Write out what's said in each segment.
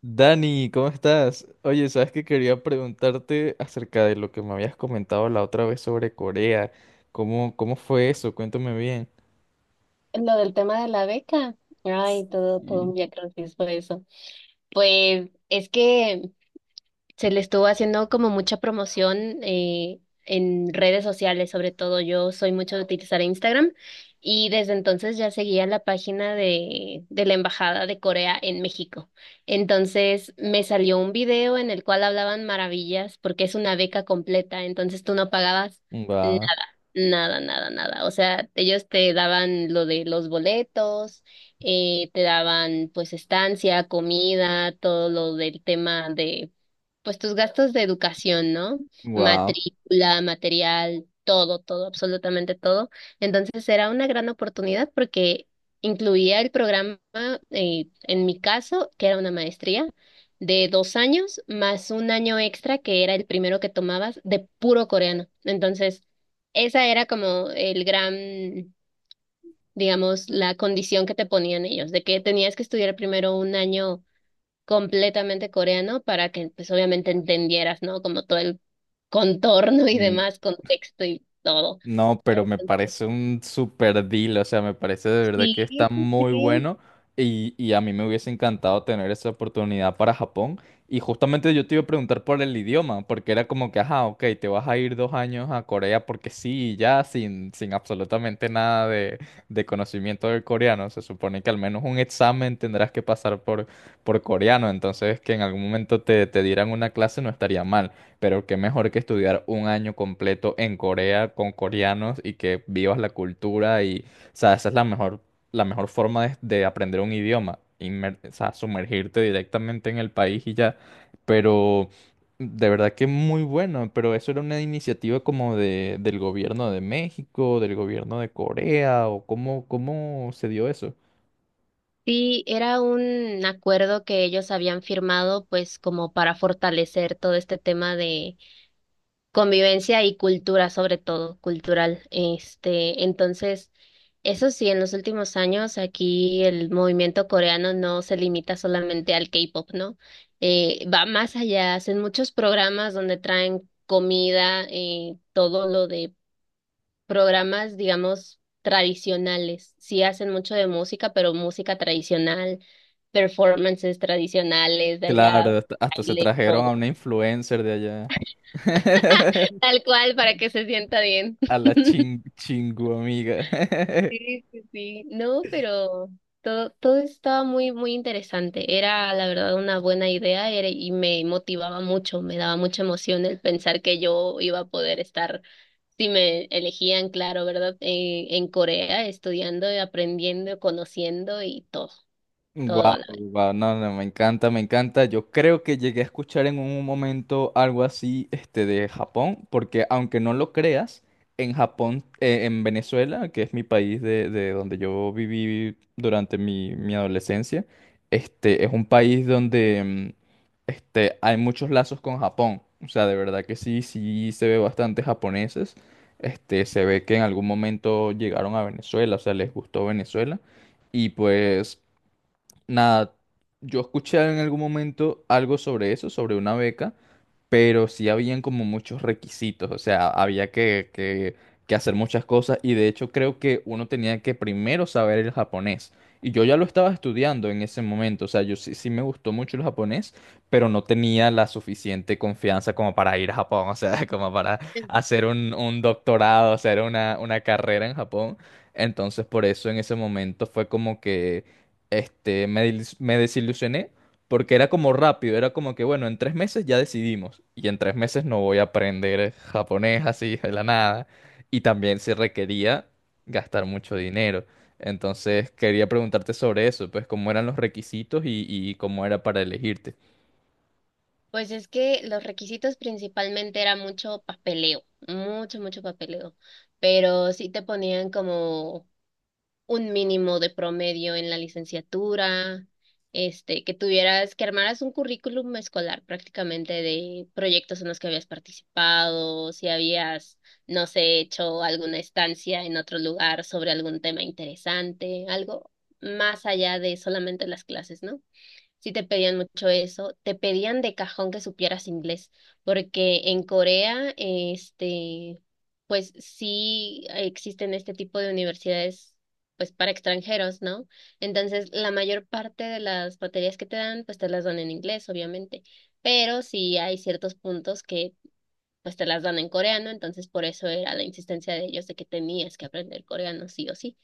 Dani, ¿cómo estás? Oye, sabes que quería preguntarte acerca de lo que me habías comentado la otra vez sobre Corea. ¿Cómo fue eso? Cuéntame bien. Lo del tema de la beca, ay, todo, todo un viacrucis fue eso. Pues es que se le estuvo haciendo como mucha promoción eh, en redes sociales, sobre todo yo soy mucho de utilizar Instagram y desde entonces ya seguía la página de la Embajada de Corea en México. Entonces me salió un video en el cual hablaban maravillas porque es una beca completa, entonces tú no pagabas. Wow, Nada, nada, nada. O sea, ellos te daban lo de los boletos, te daban pues estancia, comida, todo lo del tema de pues tus gastos de educación, ¿no? wow. Matrícula, material, todo, todo, absolutamente todo. Entonces era una gran oportunidad porque incluía el programa, en mi caso, que era una maestría de 2 años más un año extra que era el primero que tomabas de puro coreano. Entonces, esa era como el gran, digamos, la condición que te ponían ellos, de que tenías que estudiar primero un año completamente coreano para que pues obviamente entendieras, ¿no? Como todo el contorno y demás, contexto y todo. No, pero me Entonces, parece un super deal, o sea, me parece de verdad que sí, sí, está muy sí. bueno y a mí me hubiese encantado tener esa oportunidad para Japón. Y justamente yo te iba a preguntar por el idioma, porque era como que, ajá, ok, te vas a ir 2 años a Corea porque sí, y ya, sin absolutamente nada de conocimiento del coreano. Se supone que al menos un examen tendrás que pasar por coreano, entonces que en algún momento te dieran una clase no estaría mal. Pero qué mejor que estudiar un año completo en Corea con coreanos y que vivas la cultura y, o sea, esa es la mejor forma de aprender un idioma, o sea, sumergirte directamente en el país y ya. Pero de verdad que muy bueno, pero eso era una iniciativa como del gobierno de México, del gobierno de Corea, o cómo se dio eso. Sí, era un acuerdo que ellos habían firmado pues como para fortalecer todo este tema de convivencia y cultura, sobre todo, cultural. Este, entonces, eso sí, en los últimos años aquí el movimiento coreano no se limita solamente al K-pop, ¿no? Va más allá, hacen muchos programas donde traen comida, todo lo de programas, digamos, tradicionales. Sí hacen mucho de música, pero música tradicional, performances tradicionales de allá, Claro, hasta se baile, trajeron a todo. una influencer de allá. Tal cual, para que se sienta bien. A la ching chingu amiga. Sí, sí, sí. No, pero todo, todo estaba muy, muy interesante. Era, la verdad, una buena idea y me motivaba mucho, me daba mucha emoción el pensar que yo iba a poder estar, si me elegían, claro, ¿verdad? En Corea, estudiando, y aprendiendo, conociendo y todo, todo Wow, a la wow, no, no, me encanta, me encanta. Yo creo que llegué a escuchar en un momento algo así, este, de Japón, porque aunque no lo creas, en Japón, en Venezuela, que es mi país de donde yo viví durante mi adolescencia, este, es un país donde este, hay muchos lazos con Japón. O sea, de verdad que sí, sí se ve bastante japoneses. Este, se ve que en algún momento llegaron a Venezuela, o sea, les gustó Venezuela. Y pues, nada, yo escuché en algún momento algo sobre eso, sobre una beca, pero sí habían como muchos requisitos, o sea, había que hacer muchas cosas y de hecho creo que uno tenía que primero saber el japonés. Y yo ya lo estaba estudiando en ese momento, o sea, yo sí, sí me gustó mucho el japonés, pero no tenía la suficiente confianza como para ir a Japón, o sea, como para vez. hacer un doctorado, hacer una carrera en Japón. Entonces, por eso en ese momento fue como que este, me desilusioné porque era como rápido, era como que, bueno, en 3 meses ya decidimos. Y en 3 meses no voy a aprender japonés así de la nada. Y también se requería gastar mucho dinero. Entonces quería preguntarte sobre eso, pues cómo eran los requisitos y cómo era para elegirte. Pues es que los requisitos principalmente era mucho papeleo, mucho, mucho papeleo. Pero sí te ponían como un mínimo de promedio en la licenciatura, que tuvieras, que armaras un currículum escolar prácticamente de proyectos en los que habías participado, si habías, no sé, hecho alguna estancia en otro lugar sobre algún tema interesante, algo más allá de solamente las clases, ¿no? Sí te pedían mucho eso, te pedían de cajón que supieras inglés, porque en Corea, pues sí existen este tipo de universidades, pues para extranjeros, ¿no? Entonces, la mayor parte de las materias que te dan, pues te las dan en inglés, obviamente, pero sí hay ciertos puntos que, pues te las dan en coreano, entonces por eso era la insistencia de ellos de que tenías que aprender coreano, sí o sí.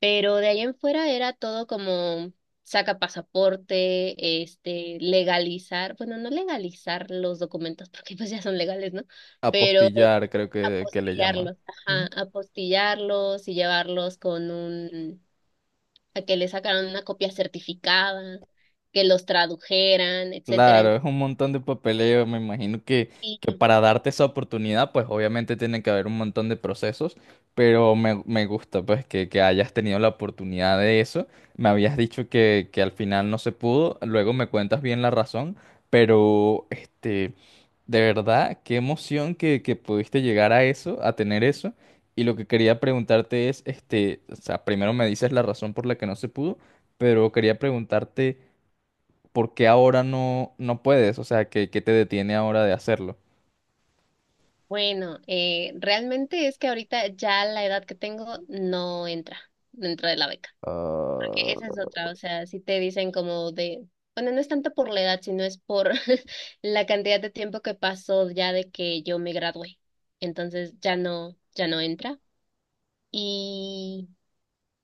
Pero de ahí en fuera era todo como saca pasaporte, legalizar, bueno, no legalizar los documentos porque pues ya son legales, ¿no? Pero Apostillar, creo que le llaman. apostillarlos, ajá, apostillarlos y llevarlos con un, a que le sacaran una copia certificada, que los tradujeran, etcétera. Claro, es Entonces, un montón de papeleo. Me imagino que, y- que para darte esa oportunidad, pues obviamente tiene que haber un montón de procesos, pero me gusta pues que hayas tenido la oportunidad de eso. Me habías dicho que al final no se pudo, luego me cuentas bien la razón, pero este, de verdad, qué emoción que pudiste llegar a eso, a tener eso. Y lo que quería preguntarte es, este, o sea, primero me dices la razón por la que no se pudo, pero quería preguntarte... ¿por qué ahora no, no puedes? O sea, ¿qué te detiene ahora de hacerlo? bueno, realmente es que ahorita ya la edad que tengo no entra dentro de la beca. Ah, Que esa es otra, o sea, si te dicen como de, bueno, no es tanto por la edad, sino es por la cantidad de tiempo que pasó ya de que yo me gradué. Entonces ya no, ya no entra. Y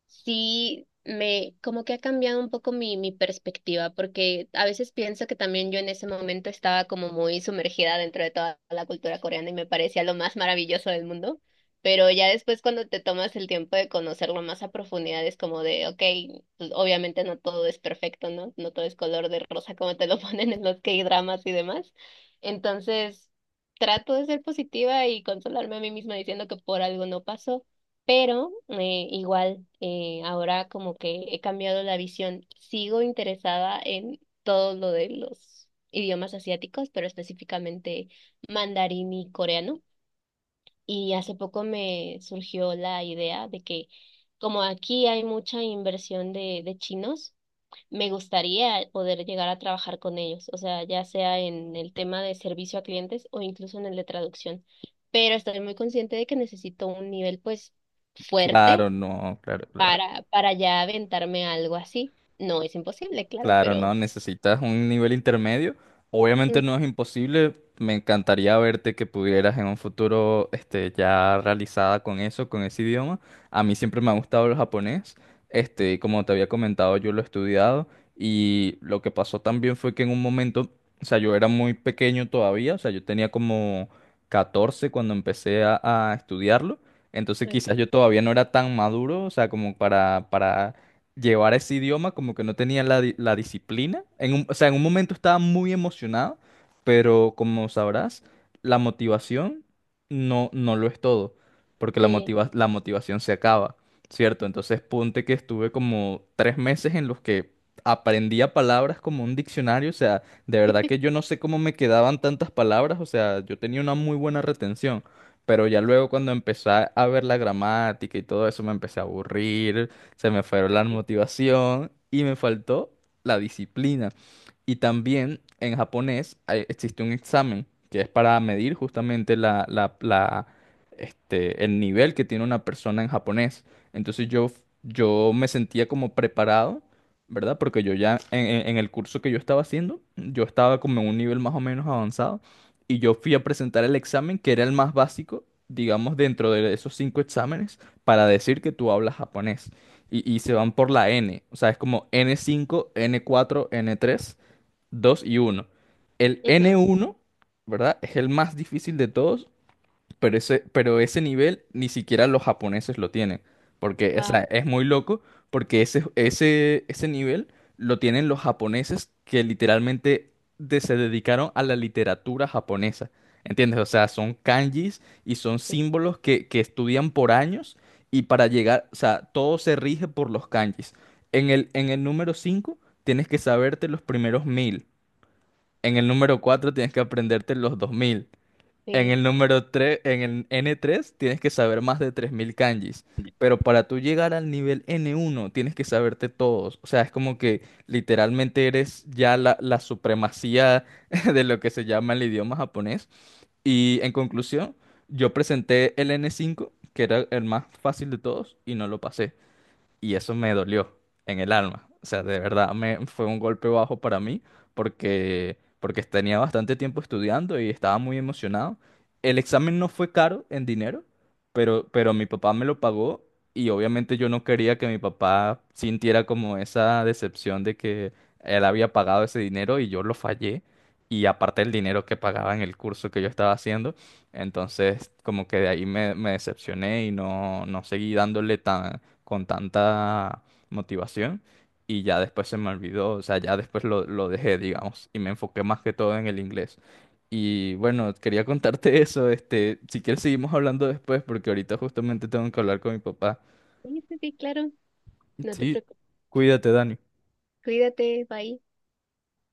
sí me, como que ha cambiado un poco mi perspectiva, porque a veces pienso que también yo en ese momento estaba como muy sumergida dentro de toda la cultura coreana y me parecía lo más maravilloso del mundo, pero ya después cuando te tomas el tiempo de conocerlo más a profundidad es como de, ok, pues, obviamente no todo es perfecto, ¿no? No todo es color de rosa como te lo ponen en los K-dramas y demás. Entonces, trato de ser positiva y consolarme a mí misma diciendo que por algo no pasó. Pero igual, ahora como que he cambiado la visión, sigo interesada en todo lo de los idiomas asiáticos, pero específicamente mandarín y coreano. Y hace poco me surgió la idea de que como aquí hay mucha inversión de chinos, me gustaría poder llegar a trabajar con ellos, o sea, ya sea en el tema de servicio a clientes o incluso en el de traducción. Pero estoy muy consciente de que necesito un nivel pues fuerte claro, no, claro, claro. para, ya aventarme algo así. No es imposible, claro, Claro, no, pero, necesitas un nivel intermedio. mm, Obviamente no es imposible. Me encantaría verte que pudieras en un futuro, este, ya realizada con eso, con ese idioma. A mí siempre me ha gustado el japonés. Este, y como te había comentado, yo lo he estudiado y lo que pasó también fue que en un momento, o sea, yo era muy pequeño todavía, o sea, yo tenía como 14 cuando empecé a estudiarlo. Entonces quizás yo ok, todavía no era tan maduro, o sea, como para llevar ese idioma, como que no tenía la disciplina. O sea, en un momento estaba muy emocionado, pero como sabrás, la motivación no, no lo es todo, porque la sí. motiva- la motivación se acaba, ¿cierto? Entonces, ponte que estuve como 3 meses en los que aprendía palabras como un diccionario, o sea, de verdad que yo no sé cómo me quedaban tantas palabras, o sea, yo tenía una muy buena retención. Pero ya luego cuando empecé a ver la gramática y todo eso me empecé a aburrir, se me fueron la motivación y me faltó la disciplina. Y también en japonés existe un examen que es para medir justamente la, este, el nivel que tiene una persona en japonés. Entonces yo me sentía como preparado, ¿verdad? Porque yo ya en el curso que yo estaba haciendo, yo estaba como en un nivel más o menos avanzado y yo fui a presentar el examen que era el más básico, digamos, dentro de esos cinco exámenes para decir que tú hablas japonés y se van por la N. O sea, es como n cinco, n cuatro, n tres, dos y uno. El n Ujú. uno, ¿verdad? Es el más difícil de todos pero ese nivel ni siquiera los japoneses lo tienen. Porque, o Wow, sea, es muy loco porque ese nivel lo tienen los japoneses que literalmente se dedicaron a la literatura japonesa. ¿Entiendes? O sea, son kanjis y son sí, símbolos que estudian por años y para llegar, o sea, todo se rige por los kanjis. En el número 5 tienes que saberte los primeros 1,000. En el número 4 tienes que aprenderte los 2,000 en sí, el número 3, en el n tres, tienes que saber más de 3,000 kanjis, pero para tú llegar al nivel n uno, tienes que saberte todos. O sea, es como que literalmente eres ya la supremacía de lo que se llama el idioma japonés. Y en conclusión, yo presenté el n cinco, que era el más fácil de todos, y no lo pasé y eso me dolió en el alma. O sea, de verdad me fue un golpe bajo para mí porque tenía bastante tiempo estudiando y estaba muy emocionado. El examen no fue caro en dinero, pero mi papá me lo pagó y obviamente yo no quería que mi papá sintiera como esa decepción de que él había pagado ese dinero y yo lo fallé. Y aparte el dinero que pagaba en el curso que yo estaba haciendo. Entonces, como que de ahí me decepcioné y no, no seguí dándole tan, con tanta motivación y ya después se me olvidó, o sea, ya después lo dejé, digamos, y me enfoqué más que todo en el inglés. Y bueno, quería contarte eso, este, si quieres seguimos hablando después porque ahorita justamente tengo que hablar con mi papá. sí, sí, sí, claro, no te Sí, preocupes, cuídate, Dani. cuídate, bye.